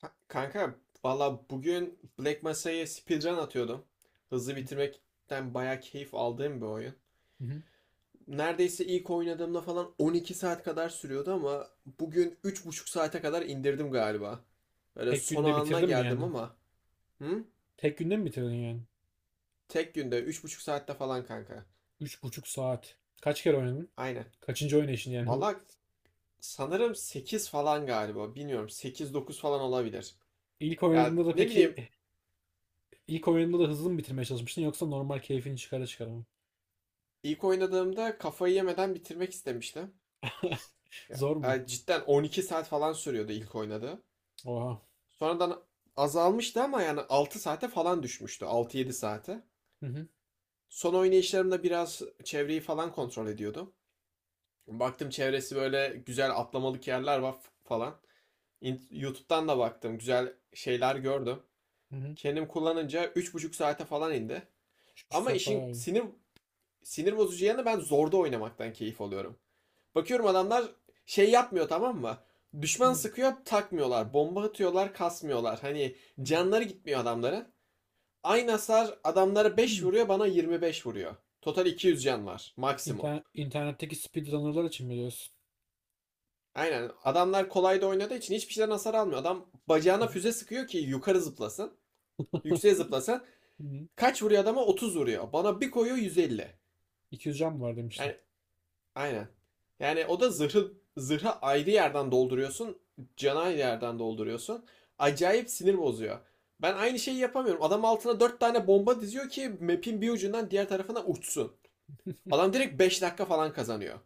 Kanka valla bugün Black Mesa'ya speedrun atıyordum. Hızlı Hı bitirmekten bayağı keyif aldığım bir oyun. hı. Neredeyse ilk oynadığımda falan 12 saat kadar sürüyordu ama bugün üç buçuk saate kadar indirdim galiba. Böyle Tek son günde anına bitirdim mi geldim yani? ama. Hı? Tek günde mi bitirdin yani? Tek günde üç buçuk saatte falan kanka. Üç buçuk saat. Kaç kere oynadın? Aynen. Kaçıncı oynayışın yani bu? Valla sanırım 8 falan galiba. Bilmiyorum 8-9 falan olabilir. İlk Ya oynadığında da ne peki, bileyim ilk oynadığında da hızlı mı bitirmeye çalışmıştın, yoksa normal keyfini çıkara çıkara mı? ilk oynadığımda kafayı yemeden bitirmek istemiştim. Ya, Zor mu? Cidden 12 saat falan sürüyordu ilk oynadığı. Oha. Sonradan azalmıştı ama yani 6 saate falan düşmüştü. 6-7 saate. Hı hı. Son oynayışlarımda biraz çevreyi falan kontrol ediyordum. Baktım çevresi böyle güzel atlamalık yerler var falan. YouTube'dan da baktım. Güzel şeyler gördüm. Hı hı. Kendim kullanınca üç buçuk saate falan indi. Üç buçuk Ama saat işin bayağı iyi. Sinir bozucu yanı ben zorda oynamaktan keyif alıyorum. Bakıyorum adamlar şey yapmıyor, tamam mı? Düşman sıkıyor takmıyorlar. Bomba atıyorlar kasmıyorlar. Hani Hı hı. canları gitmiyor adamların. Aynı hasar adamlara 5 vuruyor, bana 25 vuruyor. Total 200 can var maksimum. İnternet, internetteki speedrunner'lar için mi diyorsun? Aynen, adamlar kolay da oynadığı için hiçbir şeyden hasar almıyor. Adam bacağına füze sıkıyor ki yukarı zıplasın. Yükseğe zıplasın. Hı hı. Kaç vuruyor adama? 30 vuruyor. Bana bir koyuyor 150. 200 can mı var demiştin? Yani Aynen. Yani o da zırhı ayrı yerden dolduruyorsun, canı ayrı yerden dolduruyorsun. Acayip sinir bozuyor. Ben aynı şeyi yapamıyorum. Adam altına dört tane bomba diziyor ki map'in bir ucundan diğer tarafına uçsun. Adam direkt 5 dakika falan kazanıyor.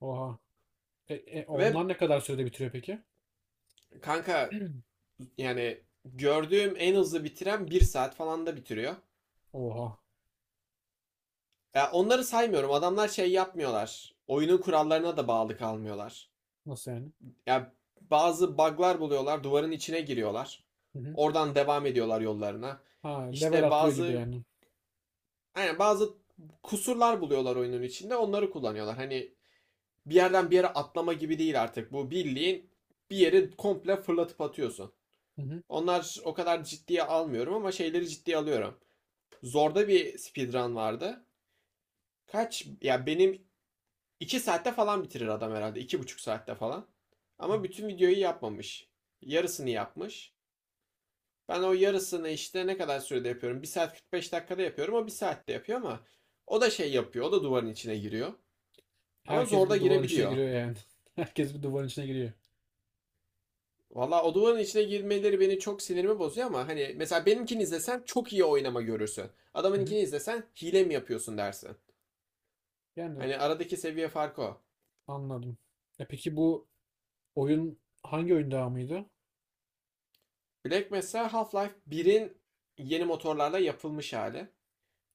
Oha. Ve Onlar ne kadar sürede bitiriyor peki? kanka yani gördüğüm en hızlı bitiren bir saat falan da bitiriyor. Oha. Ya onları saymıyorum. Adamlar şey yapmıyorlar. Oyunun kurallarına da bağlı kalmıyorlar. Nasıl yani? Ya bazı bug'lar buluyorlar, duvarın içine giriyorlar. Oradan devam ediyorlar yollarına. Ha, level İşte atlıyor gibi yani. Bazı kusurlar buluyorlar oyunun içinde, onları kullanıyorlar. Hani bir yerden bir yere atlama gibi değil artık. Bu bildiğin bir yeri komple fırlatıp atıyorsun. Hı hı. Onlar o kadar ciddiye almıyorum ama şeyleri ciddiye alıyorum. Zorda bir speedrun vardı. Kaç? Ya benim 2 saatte falan bitirir adam herhalde. İki buçuk saatte falan. Ama bütün videoyu yapmamış. Yarısını yapmış. Ben o yarısını işte ne kadar sürede yapıyorum? Bir saat 45 dakikada yapıyorum. O 1 saatte yapıyor ama o da şey yapıyor. O da duvarın içine giriyor. Ama Herkes zor da bir duvarın içine girebiliyor. giriyor yani. Herkes bir duvarın içine giriyor. Valla o duvarın içine girmeleri beni çok sinirimi bozuyor ama hani mesela benimkini izlesen çok iyi oynama görürsün. Hı hı. Adamınkini izlesen hile mi yapıyorsun dersin. Yani Hani aradaki seviye farkı o. anladım. E peki bu oyun hangi oyun devamıydı? Black mesela Half-Life birin yeni motorlarla yapılmış hali.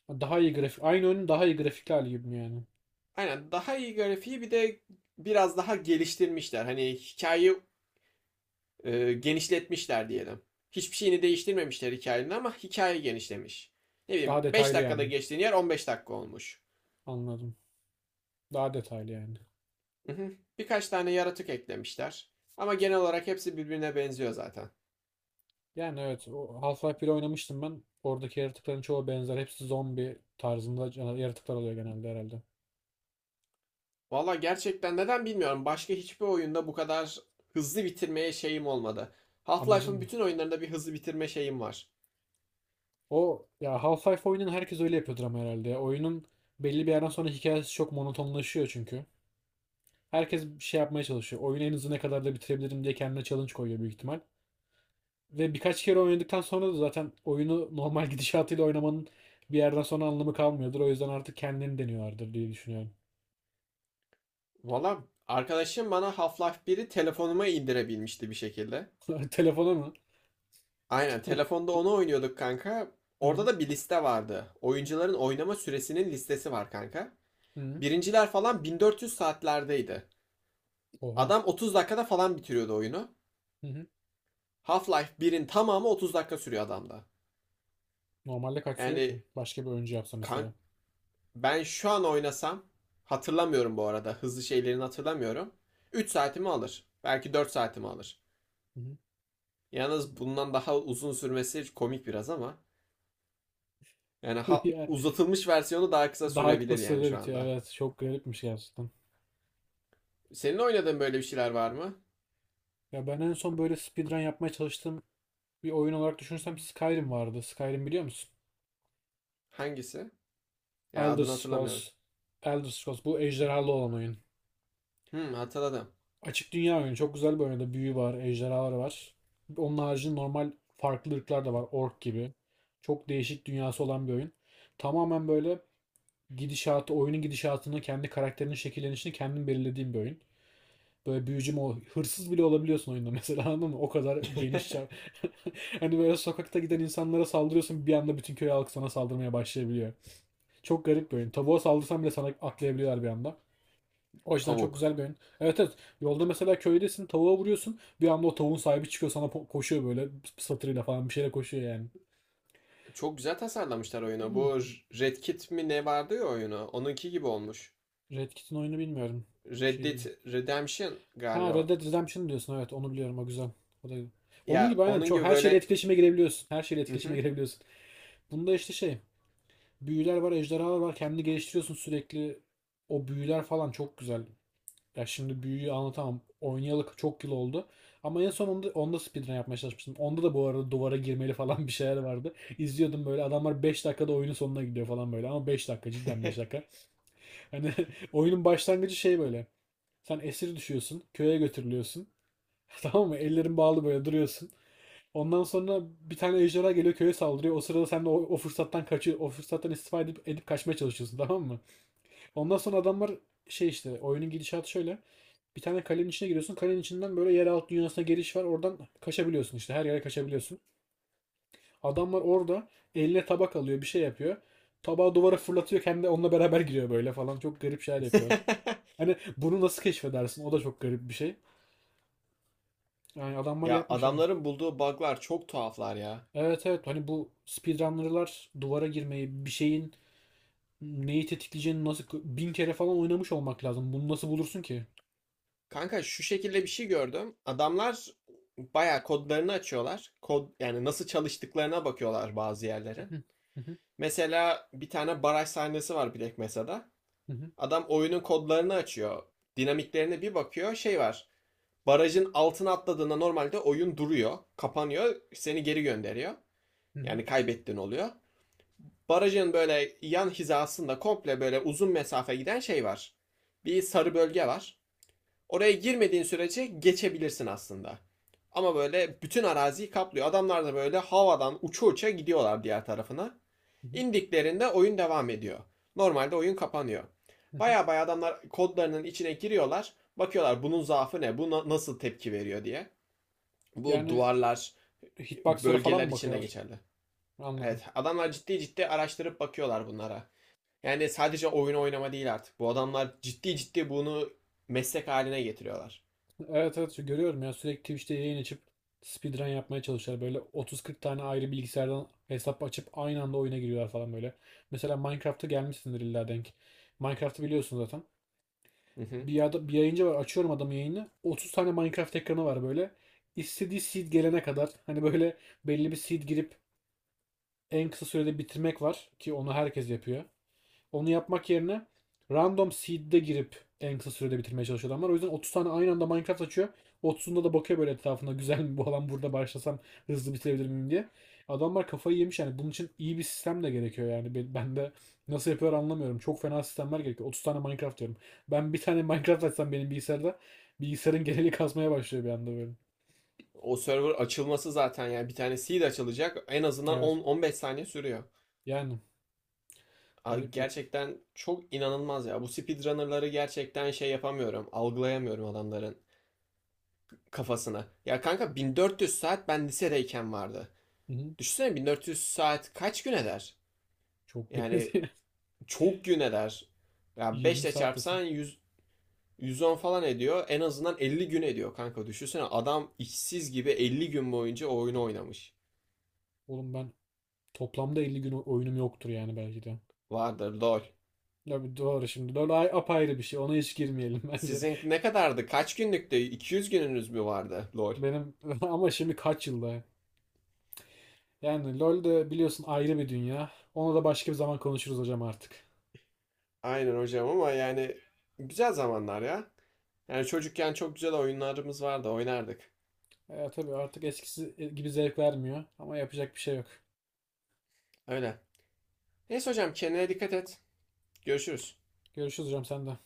Daha iyi grafik. Aynı oyunun daha iyi grafikli hali gibi mi yani? Aynen, daha iyi grafiği bir de biraz daha geliştirmişler. Hani hikayeyi genişletmişler diyelim. Hiçbir şeyini değiştirmemişler hikayenin ama hikaye genişlemiş. Ne bileyim Daha 5 detaylı dakikada yani. geçtiğin yer 15 dakika olmuş. Anladım. Daha detaylı yani. Birkaç tane yaratık eklemişler. Ama genel olarak hepsi birbirine benziyor zaten. Yani evet, o Half-Life 1'i oynamıştım ben. Oradaki yaratıkların çoğu benzer. Hepsi zombi tarzında yaratıklar oluyor genelde herhalde. Valla gerçekten neden bilmiyorum. Başka hiçbir oyunda bu kadar hızlı bitirmeye şeyim olmadı. Amacın Half-Life'ın mı? bütün oyunlarında bir hızlı bitirme şeyim var. O ya, Half-Life oyunun herkes öyle yapıyordur ama herhalde. Ya, oyunun belli bir yerden sonra hikayesi çok monotonlaşıyor çünkü. Herkes bir şey yapmaya çalışıyor. Oyunu en hızlı ne kadar da bitirebilirim diye kendine challenge koyuyor büyük ihtimal. Ve birkaç kere oynadıktan sonra da zaten oyunu normal gidişatıyla oynamanın bir yerden sonra anlamı kalmıyordur. O yüzden artık kendini deniyorlardır diye düşünüyorum. Valla arkadaşım bana Half-Life biri telefonuma indirebilmişti bir şekilde. Telefona mı? Aynen, telefonda onu oynuyorduk kanka. Orada Hı da bir liste vardı. Oyuncuların oynama süresinin listesi var kanka. hı. Birinciler falan 1400 saatlerdeydi. Oha. Adam 30 dakikada falan bitiriyordu oyunu. Hı hı. Half-Life birin tamamı 30 dakika sürüyor adamda. Normalde kaç sürüyor ki? Yani Başka bir oyuncu yapsa kanka mesela. ben şu an oynasam, hatırlamıyorum bu arada. Hızlı şeylerini hatırlamıyorum. 3 saatimi alır. Belki 4 saatimi alır. Hı hı. Yalnız bundan daha uzun sürmesi komik biraz ama yani Yani uzatılmış versiyonu daha kısa Dark da sürebilir yani sırada şu bitiyor. anda. Evet, çok garipmiş gerçekten. Senin oynadığın böyle bir şeyler var mı? Ya ben en son böyle speedrun yapmaya çalıştığım bir oyun olarak düşünürsem Skyrim vardı. Skyrim biliyor musun? Hangisi? Ya Elder adını hatırlamıyorum. Scrolls. Elder Scrolls bu ejderhalı olan oyun. Hmm, hatırladım. Açık dünya oyunu. Çok güzel bir oyunda büyü var, ejderhalar var. Onun haricinde normal farklı ırklar da var. Ork gibi. Çok değişik dünyası olan bir oyun. Tamamen böyle gidişatı, oyunun gidişatını, kendi karakterinin şekillenişini kendin belirlediğin bir oyun. Böyle hırsız bile olabiliyorsun oyunda mesela, anladın mı? O kadar geniş çap. Hani böyle sokakta giden insanlara saldırıyorsun, bir anda bütün köy halkı sana saldırmaya başlayabiliyor. Çok garip bir oyun. Tavuğa saldırsan bile sana atlayabiliyorlar bir anda. O yüzden çok Tavuk. güzel bir oyun. Evet, evet. Yolda mesela köydesin, tavuğa vuruyorsun. Bir anda o tavuğun sahibi çıkıyor sana, koşuyor böyle, satırıyla falan bir şeyle koşuyor yani. Çok güzel tasarlamışlar oyunu. Bu Red Kit mi ne vardı ya oyunu? Onunki gibi olmuş. Red Kit'in oyunu bilmiyorum. Bir Red şey değil. Dead Redemption Ha, Red galiba. Dead Redemption diyorsun, evet, onu biliyorum, o güzel. O da onun Ya gibi aynen, onun çok gibi her şeyle böyle... etkileşime girebiliyorsun. Her şeyle etkileşime Hı. girebiliyorsun. Bunda işte şey, büyüler var, ejderhalar var. Kendini geliştiriyorsun sürekli. O büyüler falan çok güzel. Ya şimdi büyüyü anlatamam. Oynayalı çok yıl oldu. Ama en son onda speedrun yapmaya çalışmıştım. Onda da bu arada duvara girmeli falan bir şeyler vardı. İzliyordum böyle, adamlar 5 dakikada oyunun sonuna gidiyor falan böyle. Ama 5 dakika, cidden 5 dakika. Hani oyunun başlangıcı şey böyle. Sen esir düşüyorsun. Köye götürülüyorsun. Tamam mı? Ellerin bağlı böyle duruyorsun. Ondan sonra bir tane ejderha geliyor, köye saldırıyor. O sırada sen de o fırsattan kaçıyor. O fırsattan istifa edip kaçmaya çalışıyorsun, tamam mı? Ondan sonra adamlar şey, işte oyunun gidişatı şöyle. Bir tane kalenin içine giriyorsun. Kalenin içinden böyle yeraltı dünyasına giriş var. Oradan kaçabiliyorsun işte. Her yere kaçabiliyorsun. Adamlar orada eline tabak alıyor. Bir şey yapıyor. Tabağı duvara fırlatıyor. Kendi onunla beraber giriyor böyle falan. Çok garip şeyler yapıyor. Hani bunu nasıl keşfedersin? O da çok garip bir şey. Yani adamlar Ya yapmış abi. adamların bulduğu bug'lar çok tuhaflar ya. Evet, evet, hani bu speedrunner'lar duvara girmeyi, bir şeyin neyi tetikleyeceğini, nasıl bin kere falan oynamış olmak lazım. Bunu nasıl bulursun ki? Kanka şu şekilde bir şey gördüm. Adamlar bayağı kodlarını açıyorlar. Kod yani nasıl çalıştıklarına bakıyorlar bazı yerlere. Mesela bir tane baraj sahnesi var Black Mesa'da. Adam oyunun kodlarını açıyor. Dinamiklerine bir bakıyor. Şey var. Barajın altına atladığında normalde oyun duruyor. Kapanıyor. Seni geri gönderiyor. Yani kaybettin oluyor. Barajın böyle yan hizasında komple böyle uzun mesafe giden şey var. Bir sarı bölge var. Oraya girmediğin sürece geçebilirsin aslında. Ama böyle bütün araziyi kaplıyor. Adamlar da böyle havadan uça uça gidiyorlar diğer tarafına. İndiklerinde oyun devam ediyor. Normalde oyun kapanıyor. Baya baya adamlar kodlarının içine giriyorlar. Bakıyorlar bunun zaafı ne, bu nasıl tepki veriyor diye. Bu Yani duvarlar, hitboxlara falan bölgeler mı için bakıyorlar? geçerli. Evet, Anladım. adamlar ciddi ciddi araştırıp bakıyorlar bunlara. Yani sadece oyun oynama değil artık. Bu adamlar ciddi ciddi bunu meslek haline getiriyorlar. Evet, evet, şu görüyorum ya, sürekli Twitch'te yayın açıp speedrun yapmaya çalışıyorlar. Böyle 30-40 tane ayrı bilgisayardan hesap açıp aynı anda oyuna giriyorlar falan böyle. Mesela Minecraft'a gelmişsindir illa denk. Minecraft'ı biliyorsun zaten. Hı hı. Bir yayıncı var, açıyorum adamın yayını. 30 tane Minecraft ekranı var böyle. İstediği seed gelene kadar hani böyle belli bir seed girip en kısa sürede bitirmek var ki onu herkes yapıyor. Onu yapmak yerine random seed'de girip en kısa sürede bitirmeye çalışıyor adamlar. O yüzden 30 tane aynı anda Minecraft açıyor. 30'unda da bakıyor böyle etrafında, güzel mi bu alan, burada başlasam hızlı bitirebilir miyim diye. Adamlar kafayı yemiş yani, bunun için iyi bir sistem de gerekiyor yani. Ben de nasıl yapıyorlar anlamıyorum. Çok fena sistemler gerekiyor. 30 tane Minecraft diyorum. Ben bir tane Minecraft açsam benim bilgisayarda, bilgisayarın geneli kasmaya başlıyor bir anda böyle. O server açılması zaten yani bir tane seed açılacak en azından Evet. 10-15 saniye sürüyor. Yani garip ya. Gerçekten çok inanılmaz ya. Bu speedrunner'ları gerçekten şey yapamıyorum. Algılayamıyorum adamların kafasını. Ya kanka 1400 saat ben lisedeyken vardı. Hı hı. Düşünsene 1400 saat kaç gün eder? Çok Yani benziyor. çok gün eder. Ya 5 20 ile saattesin. çarpsan 110 falan ediyor. En azından 50 gün ediyor kanka. Düşünsene adam işsiz gibi 50 gün boyunca o oyunu oynamış. Oğlum ben toplamda 50 gün oyunum yoktur yani belki de. Vardır lol. Ya doğru şimdi. Apayrı bir şey. Ona hiç girmeyelim bence. Sizin ne kadardı? Kaç günlüktü? 200 gününüz mü vardı? Lol. Benim ama şimdi kaç yılda? Yani LoL de biliyorsun ayrı bir dünya. Onu da başka bir zaman konuşuruz hocam artık. Aynen hocam ama yani güzel zamanlar ya. Yani çocukken çok güzel oyunlarımız vardı. Oynardık. E, tabii artık eskisi gibi zevk vermiyor ama yapacak bir şey yok. Öyle. Neyse hocam kendine dikkat et. Görüşürüz. Görüşürüz hocam, sen de.